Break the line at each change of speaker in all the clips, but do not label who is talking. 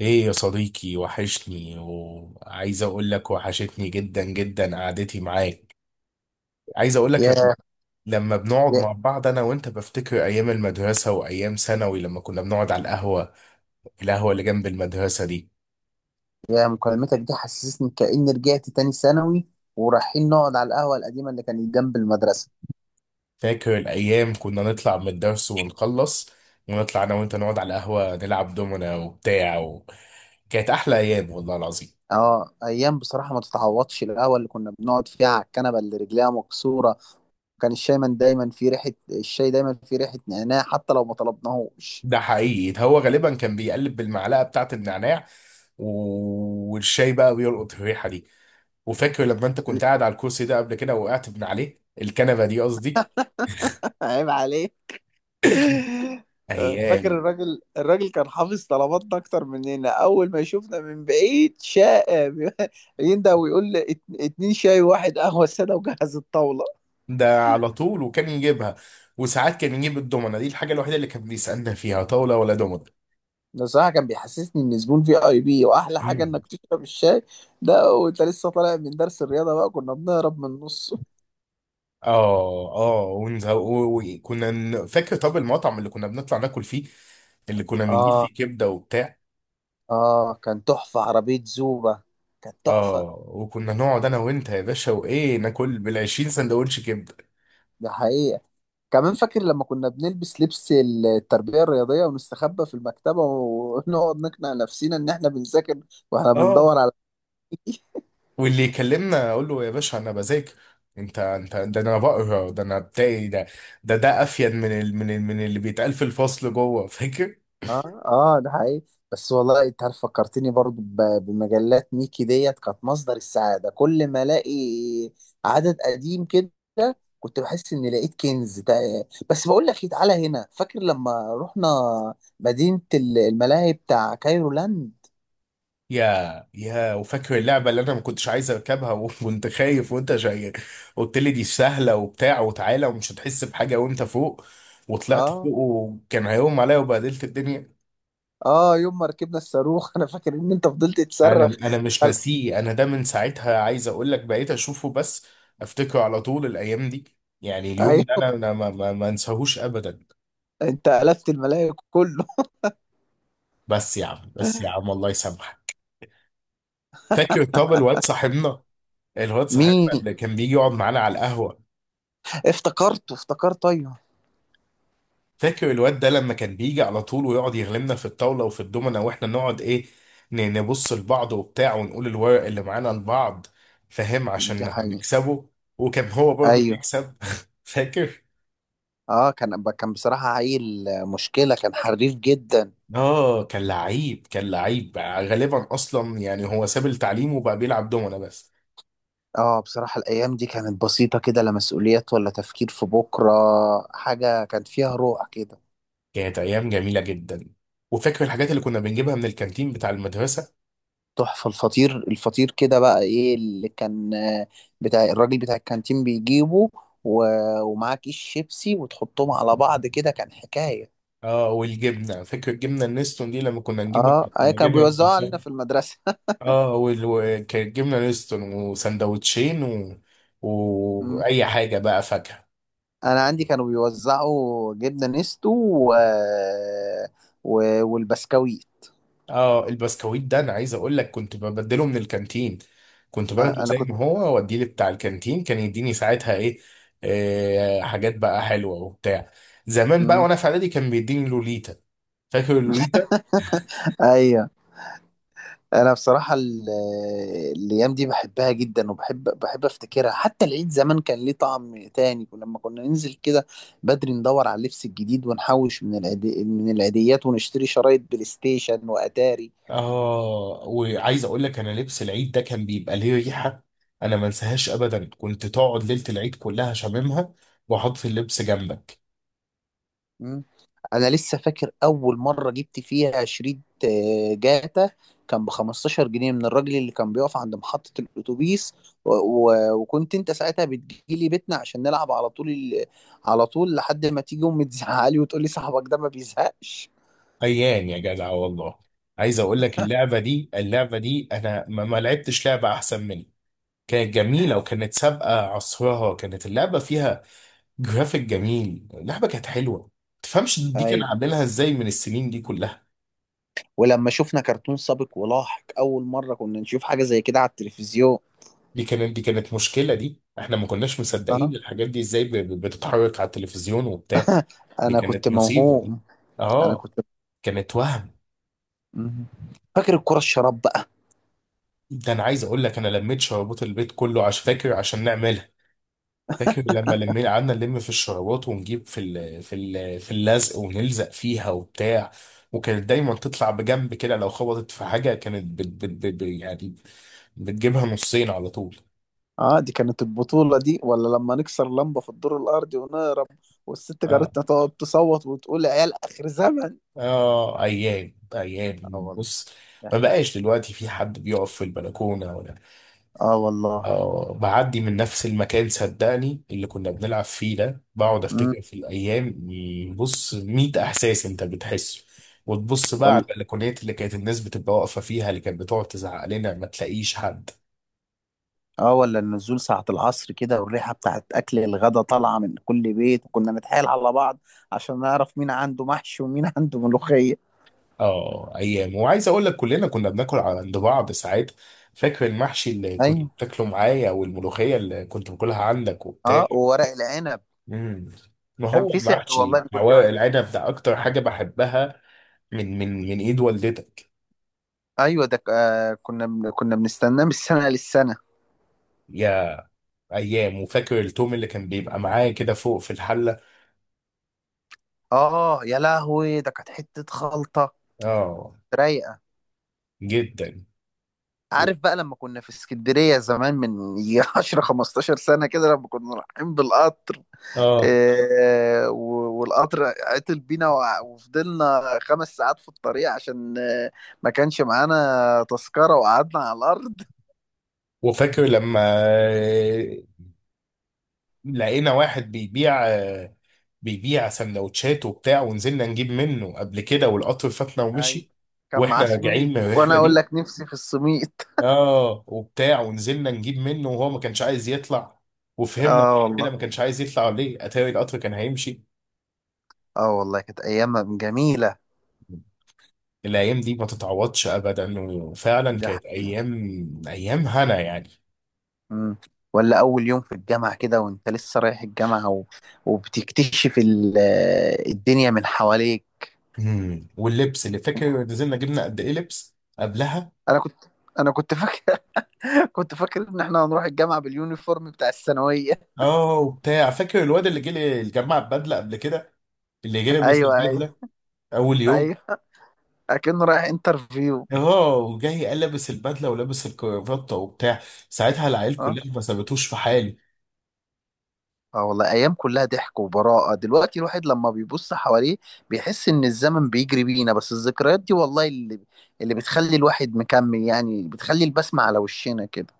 ايه يا صديقي، وحشني وعايز اقول لك وحشتني جدا جدا قعدتي معاك. عايز اقول لك
يا
لما بنقعد
يا
مع بعض انا وانت بفتكر ايام المدرسة وايام ثانوي لما كنا بنقعد على القهوة، القهوة اللي جنب المدرسة دي.
يا مكالمتك دي حسسني كأني رجعت تاني ثانوي، ورايحين نقعد على القهوة القديمة اللي كانت جنب المدرسة.
فاكر الايام كنا نطلع من الدرس ونخلص ونطلع انا وانت نقعد على القهوة نلعب دومنا وبتاع كانت احلى ايام والله العظيم.
اه، ايام بصراحة ما تتعوضش. القهوة اللي كنا بنقعد فيها على الكنبة اللي رجليها مكسورة، كان الشاي من دايما في ريحة، الشاي دايما في ريحة نعناع حتى لو ما طلبناهوش.
ده حقيقي، ده هو غالبا كان بيقلب بالمعلقة بتاعت النعناع. والشاي بقى بيلقط الريحة دي. وفاكر لما انت كنت قاعد على الكرسي ده قبل كده وقعت من عليه، الكنبه دي قصدي.
عيب عليه. فاكر
ايام.
الراجل كان حافظ طلباتنا اكتر مننا، اول ما يشوفنا من بعيد شاء يندى ويقول لي اتنين شاي وواحد قهوه ساده وجهز الطاوله.
ده على طول وكان يجيبها، وساعات كان يجيب الدومنه دي، الحاجه الوحيده اللي كان بيسالنا فيها طاوله ولا دومنه.
ده صراحة كان بيحسسني إن زبون في أي بي، وأحلى حاجة
مم.
إنك تشرب الشاي، ده وأنت لسه طالع من درس الرياضة، بقى كنا بنهرب من النص.
اه اه، فاكر طب المطعم اللي كنا بنطلع ناكل فيه، اللي كنا بنجيب
آه،
فيه كبده وبتاع.
آه، كان تحفة عربية زوبة، كانت تحفة.
اه وكنا نقعد انا وانت يا باشا وايه، ناكل بال 20 سندوتش كبده.
ده حقيقة. كمان فاكر لما كنا بنلبس لبس التربية الرياضية ونستخبى في المكتبة ونقعد نقنع نفسنا إن إحنا بنذاكر وإحنا
اه
بندور على
واللي يكلمنا اقول له يا باشا انا بذاكر. انت ده، انا بقرا ده، انا بتاعي ده. ده افيد من اللي بيتقال في الفصل جوه فاكر
اه، اه، ده حقيقي. بس والله انت عارف فكرتني برضو بمجلات ميكي ديت، كانت مصدر السعادة. كل ما الاقي عدد قديم كده، كنت بحس اني لقيت كنز. ده بس بقول لك ايه، تعالى هنا فاكر لما رحنا مدينة الملاهي بتاع كايرو لاند.
يا يا وفاكر اللعبه اللي انا ما كنتش عايز اركبها وانت خايف وانت جاي قلت لي دي سهله وبتاع وتعالى ومش هتحس بحاجه، وانت فوق وطلعت
اه،
فوق وكان هيقوم عليا وبهدلت الدنيا.
اه، يوم ما ركبنا الصاروخ انا فاكر ان انت فضلت
انا
تصرخ.
انا مش
قال-
ناسيه، انا ده من ساعتها عايز اقول لك بقيت اشوفه بس افتكره على طول الايام دي. يعني اليوم ده
ايوه،
انا ما انساهوش ابدا.
انت قلبت الملاهي كله.
بس يا عم بس يا عم الله يسامحك. فاكر طب الواد صاحبنا، الواد صاحبنا
مين؟
اللي كان بيجي يقعد معانا على القهوه.
افتكرته، افتكرته، ايوه.
فاكر الواد ده لما كان بيجي على طول ويقعد يغلبنا في الطاوله وفي الدومنه، واحنا نقعد ايه، نبص لبعض وبتاع ونقول الورق اللي معانا لبعض، فاهم، عشان
ده حقيقي.
نكسبه. وكان هو برضه
ايوه.
بيكسب. فاكر.
اه، كان بصراحة عيل مشكلة، كان حريف جدا.
اه، كان لعيب كان لعيب بقى غالبا، اصلا يعني هو ساب التعليم وبقى بيلعب دومنا بس.
اه بصراحة الأيام دي كانت بسيطة كده، لا مسؤوليات ولا تفكير في بكرة. حاجة كان فيها روح كده.
كانت ايام جميله جدا. وفاكر الحاجات اللي كنا بنجيبها من الكانتين بتاع المدرسه.
تحفة. الفطير الفطير كده بقى، ايه اللي كان، بتاع الراجل بتاع الكانتين بيجيبه، و... ومعاه كيس شيبسي وتحطهم على بعض كده، كان حكاية.
اه والجبنه، فاكر الجبنه النستون دي، لما كنا نجيبه، كنا
اه، اي كانوا
نجيبها من
بيوزعوا علينا
الكانتين.
في المدرسة.
اه وكانت جبنه نستون وسندوتشين
مم.
واي حاجه بقى، فاكهه.
انا عندي كانوا بيوزعوا جبنة نستو، و... و... والبسكويت.
اه البسكويت ده انا عايز اقول لك كنت ببدله من الكانتين. كنت باخده
انا
زي
كنت.
ما هو واديه، بتاع الكانتين كان يديني ساعتها ايه؟ آه، حاجات بقى حلوه وبتاع. زمان بقى
مم.
وانا في اعدادي كان بيديني لوليتا. فاكر اللوليتا.
ايوه. انا بصراحه الايام دي بحبها جدا، وبحب افتكرها. حتى العيد زمان كان ليه طعم تاني لما كنا ننزل كده بدري ندور على اللبس الجديد، ونحوش من العيديات، ونشتري شرايط بلاي ستيشن واتاري.
اه، وعايز اقول لك انا لبس العيد ده كان بيبقى ليه ريحه، انا ما انساهاش ابدا، كنت تقعد ليله العيد كلها شاممها واحط اللبس جنبك.
مم. انا لسه فاكر اول مره جبت فيها شريط جاتا، كان ب 15 جنيه من الراجل اللي كان بيقف عند محطه الاتوبيس، و... و... وكنت انت ساعتها بتجيلي بيتنا عشان نلعب على طول على طول لحد ما تيجي امي تزعلي وتقول لي صاحبك ده ما بيزهقش.
ايام يا جدع والله. عايز اقول لك اللعبه دي انا ما لعبتش لعبه احسن منها. كانت جميلة وكانت سابقة عصرها، كانت اللعبة فيها جرافيك جميل، اللعبة كانت حلوة. تفهمش دي كان
ايوه،
عاملينها ازاي من السنين دي كلها.
ولما شفنا كرتون سابق ولاحق اول مره، كنا نشوف حاجه زي كده على التلفزيون.
دي كانت مشكلة دي، احنا ما كناش
اه،
مصدقين الحاجات دي ازاي بتتحرك على التلفزيون وبتاع. دي
انا كنت
كانت مصيبة دي.
موهوم. انا
اه،
كنت.
كانت وهم.
مم. فاكر الكره الشراب؟
ده انا عايز اقول لك انا لميت شربات البيت كله عشان فاكر عشان نعملها. فاكر لما لمينا قعدنا نلم في الشرابات، ونجيب في اللزق ونلزق فيها وبتاع. وكانت دايما تطلع بجنب كده، لو خبطت في حاجة كانت يعني بتجيبها نصين على طول.
اه، دي كانت البطولة دي، ولا لما نكسر لمبة في الدور الأرضي ونهرب والست
اه
جارتنا تقعد تصوت وتقول يا عيال آخر زمن.
اه، ايام
اه
ايام.
والله.
بص، ما بقاش دلوقتي في حد بيقف في البلكونة ولا.
اه والله.
اه، بعدي من نفس المكان صدقني، اللي كنا بنلعب فيه ده، بقعد
امم.
افتكر في الايام، بص 100 احساس انت بتحسه، وتبص بقى
ولا.
على البلكونات اللي كانت الناس بتبقى واقفه فيها، اللي كانت بتقعد تزعق لنا، ما تلاقيش حد.
اه، ولا النزول ساعة العصر كده والريحة بتاعت أكل الغدا طالعة من كل بيت، وكنا نتحايل على بعض عشان نعرف مين عنده محشي ومين عنده ملوخية.
اه، ايام، وعايز اقول لك كلنا كنا بناكل على عند بعض ساعات. فاكر المحشي اللي كنت
ايوه.
بتاكله معايا، والملوخيه اللي كنت باكلها عندك وبتاع.
اه، وورق العنب
امم. ما
كان
هو
في سحر والله.
المحشي
أنا
هو
كنت بقى.
العنب ده اكتر حاجه بحبها، من ايد والدتك.
ايوه، ده كنا بنستناه من السنة للسنة.
يا. ايام، وفاكر التوم اللي كان بيبقى معايا كده فوق في الحله.
اه يا لهوي، ده كانت حتة خلطة
اه،
رايقه.
جدا. و-
عارف بقى لما كنا في اسكندريه زمان من يجي 10 15 سنه كده، لما كنا رايحين بالقطر،
اه،
والقطر عطل بينا، وفضلنا 5 ساعات في الطريق عشان ما كانش معانا تذكره، وقعدنا على الارض.
وفاكر لما لقينا واحد بيبيع سندوتشات وبتاع، ونزلنا نجيب منه قبل كده، والقطر فاتنا
اي،
ومشي.
كان معاه
واحنا راجعين
سميط،
من
وانا
الرحله
اقول
دي،
لك نفسي في السميط.
اه وبتاع، ونزلنا نجيب منه وهو ما كانش عايز يطلع. وفهمنا بعد
اه
كده
والله.
ما كانش عايز يطلع ليه، اتاري القطر كان هيمشي.
اه والله كانت ايام جميله.
الايام دي ما تتعوضش ابدا، وفعلا
ده.
كانت ايام، ايام هنا يعني.
مم. ولا أول يوم في الجامعة كده، وأنت لسه رايح الجامعة، و... وبتكتشف الدنيا من حواليك.
امم. واللبس اللي فاكر نزلنا جبنا قد ايه لبس قبلها.
أنا كنت أنا كنت فاكر. كنت فاكر إن إحنا هنروح الجامعة باليونيفورم بتاع الثانوية.
اه وبتاع، فاكر الواد اللي جه جمع بدله قبل كده، اللي جه لابس
أيوه، أيوه.
البدله اول يوم.
أيوه، أكنه رايح انترفيو.
اه وجاي قال، لابس البدله ولابس الكرافته وبتاع، ساعتها العيال
أه،
كلها ما سابتوش في حالي.
آه والله أيام كلها ضحك وبراءة. دلوقتي الواحد لما بيبص حواليه بيحس إن الزمن بيجري بينا، بس الذكريات دي والله اللي بتخلي الواحد مكمل، يعني بتخلي البسمة على وشنا كده.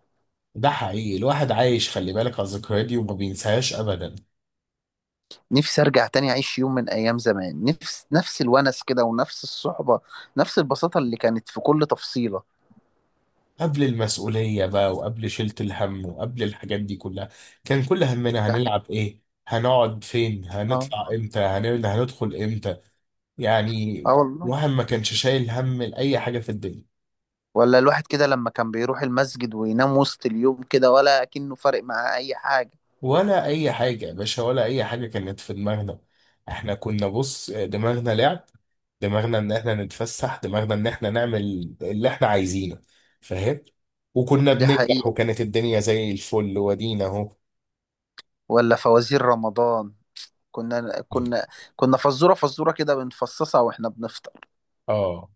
ده حقيقي، الواحد عايش، خلي بالك على الذكريات دي وما بينساهاش ابدا.
نفسي ارجع تاني اعيش يوم من ايام زمان، نفس الونس كده، ونفس الصحبه، نفس البساطه اللي كانت في كل تفصيله.
قبل المسؤولية بقى وقبل شيلة الهم وقبل الحاجات دي كلها، كان كل همنا
ده حقيقي.
هنلعب ايه، هنقعد فين،
اه.
هنطلع امتى، هندخل امتى، يعني.
اه والله.
الواحد ما كانش شايل هم لأي حاجة في الدنيا.
ولا الواحد كده لما كان بيروح المسجد وينام وسط اليوم كده، ولا كأنه فارق معاه اي حاجه.
ولا أي حاجة يا باشا، ولا أي حاجة كانت في دماغنا. احنا كنا بص دماغنا لعب، دماغنا ان احنا نتفسح، دماغنا ان احنا نعمل اللي احنا عايزينه، فاهم. وكنا
ده
بننجح
حقيقة.
وكانت الدنيا زي الفل ودينا اهو.
ولا فوازير رمضان، كنا كنا كنا فزوره فزوره كده بنفصصها واحنا بنفطر.
اه،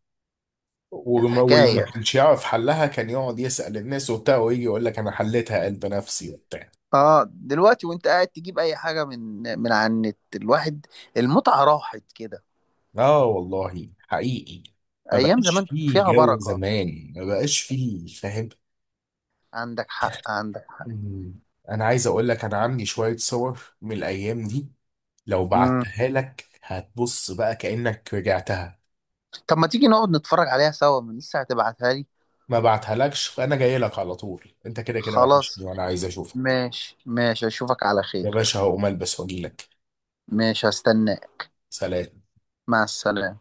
كانت
واللي ما
حكايه.
كانش يعرف حلها كان يقعد يسأل الناس وبتاع ويجي يقول لك انا حليتها قلب نفسي وبتاع.
اه، دلوقتي وانت قاعد تجيب اي حاجه من على النت، الواحد المتعه راحت كده.
اه والله حقيقي. ما
ايام
بقاش
زمان
فيه
فيها
جو
بركه.
زمان ما بقاش فيه فاهم.
عندك حق، عندك حق.
مم. انا عايز اقول لك انا عندي شوية صور من الايام دي، لو
مم.
بعتها لك هتبص بقى كأنك رجعتها.
طب ما تيجي نقعد نتفرج عليها سوا، من لسه هتبعتها لي؟
ما بعتهالكش، فانا جاي لك على طول، انت كده كده
خلاص.
وحشني وانا عايز اشوفك.
ماشي، ماشي، اشوفك على
يا
خير.
باشا هقوم البس واجي لك.
ماشي، هستناك.
سلام.
مع السلامة.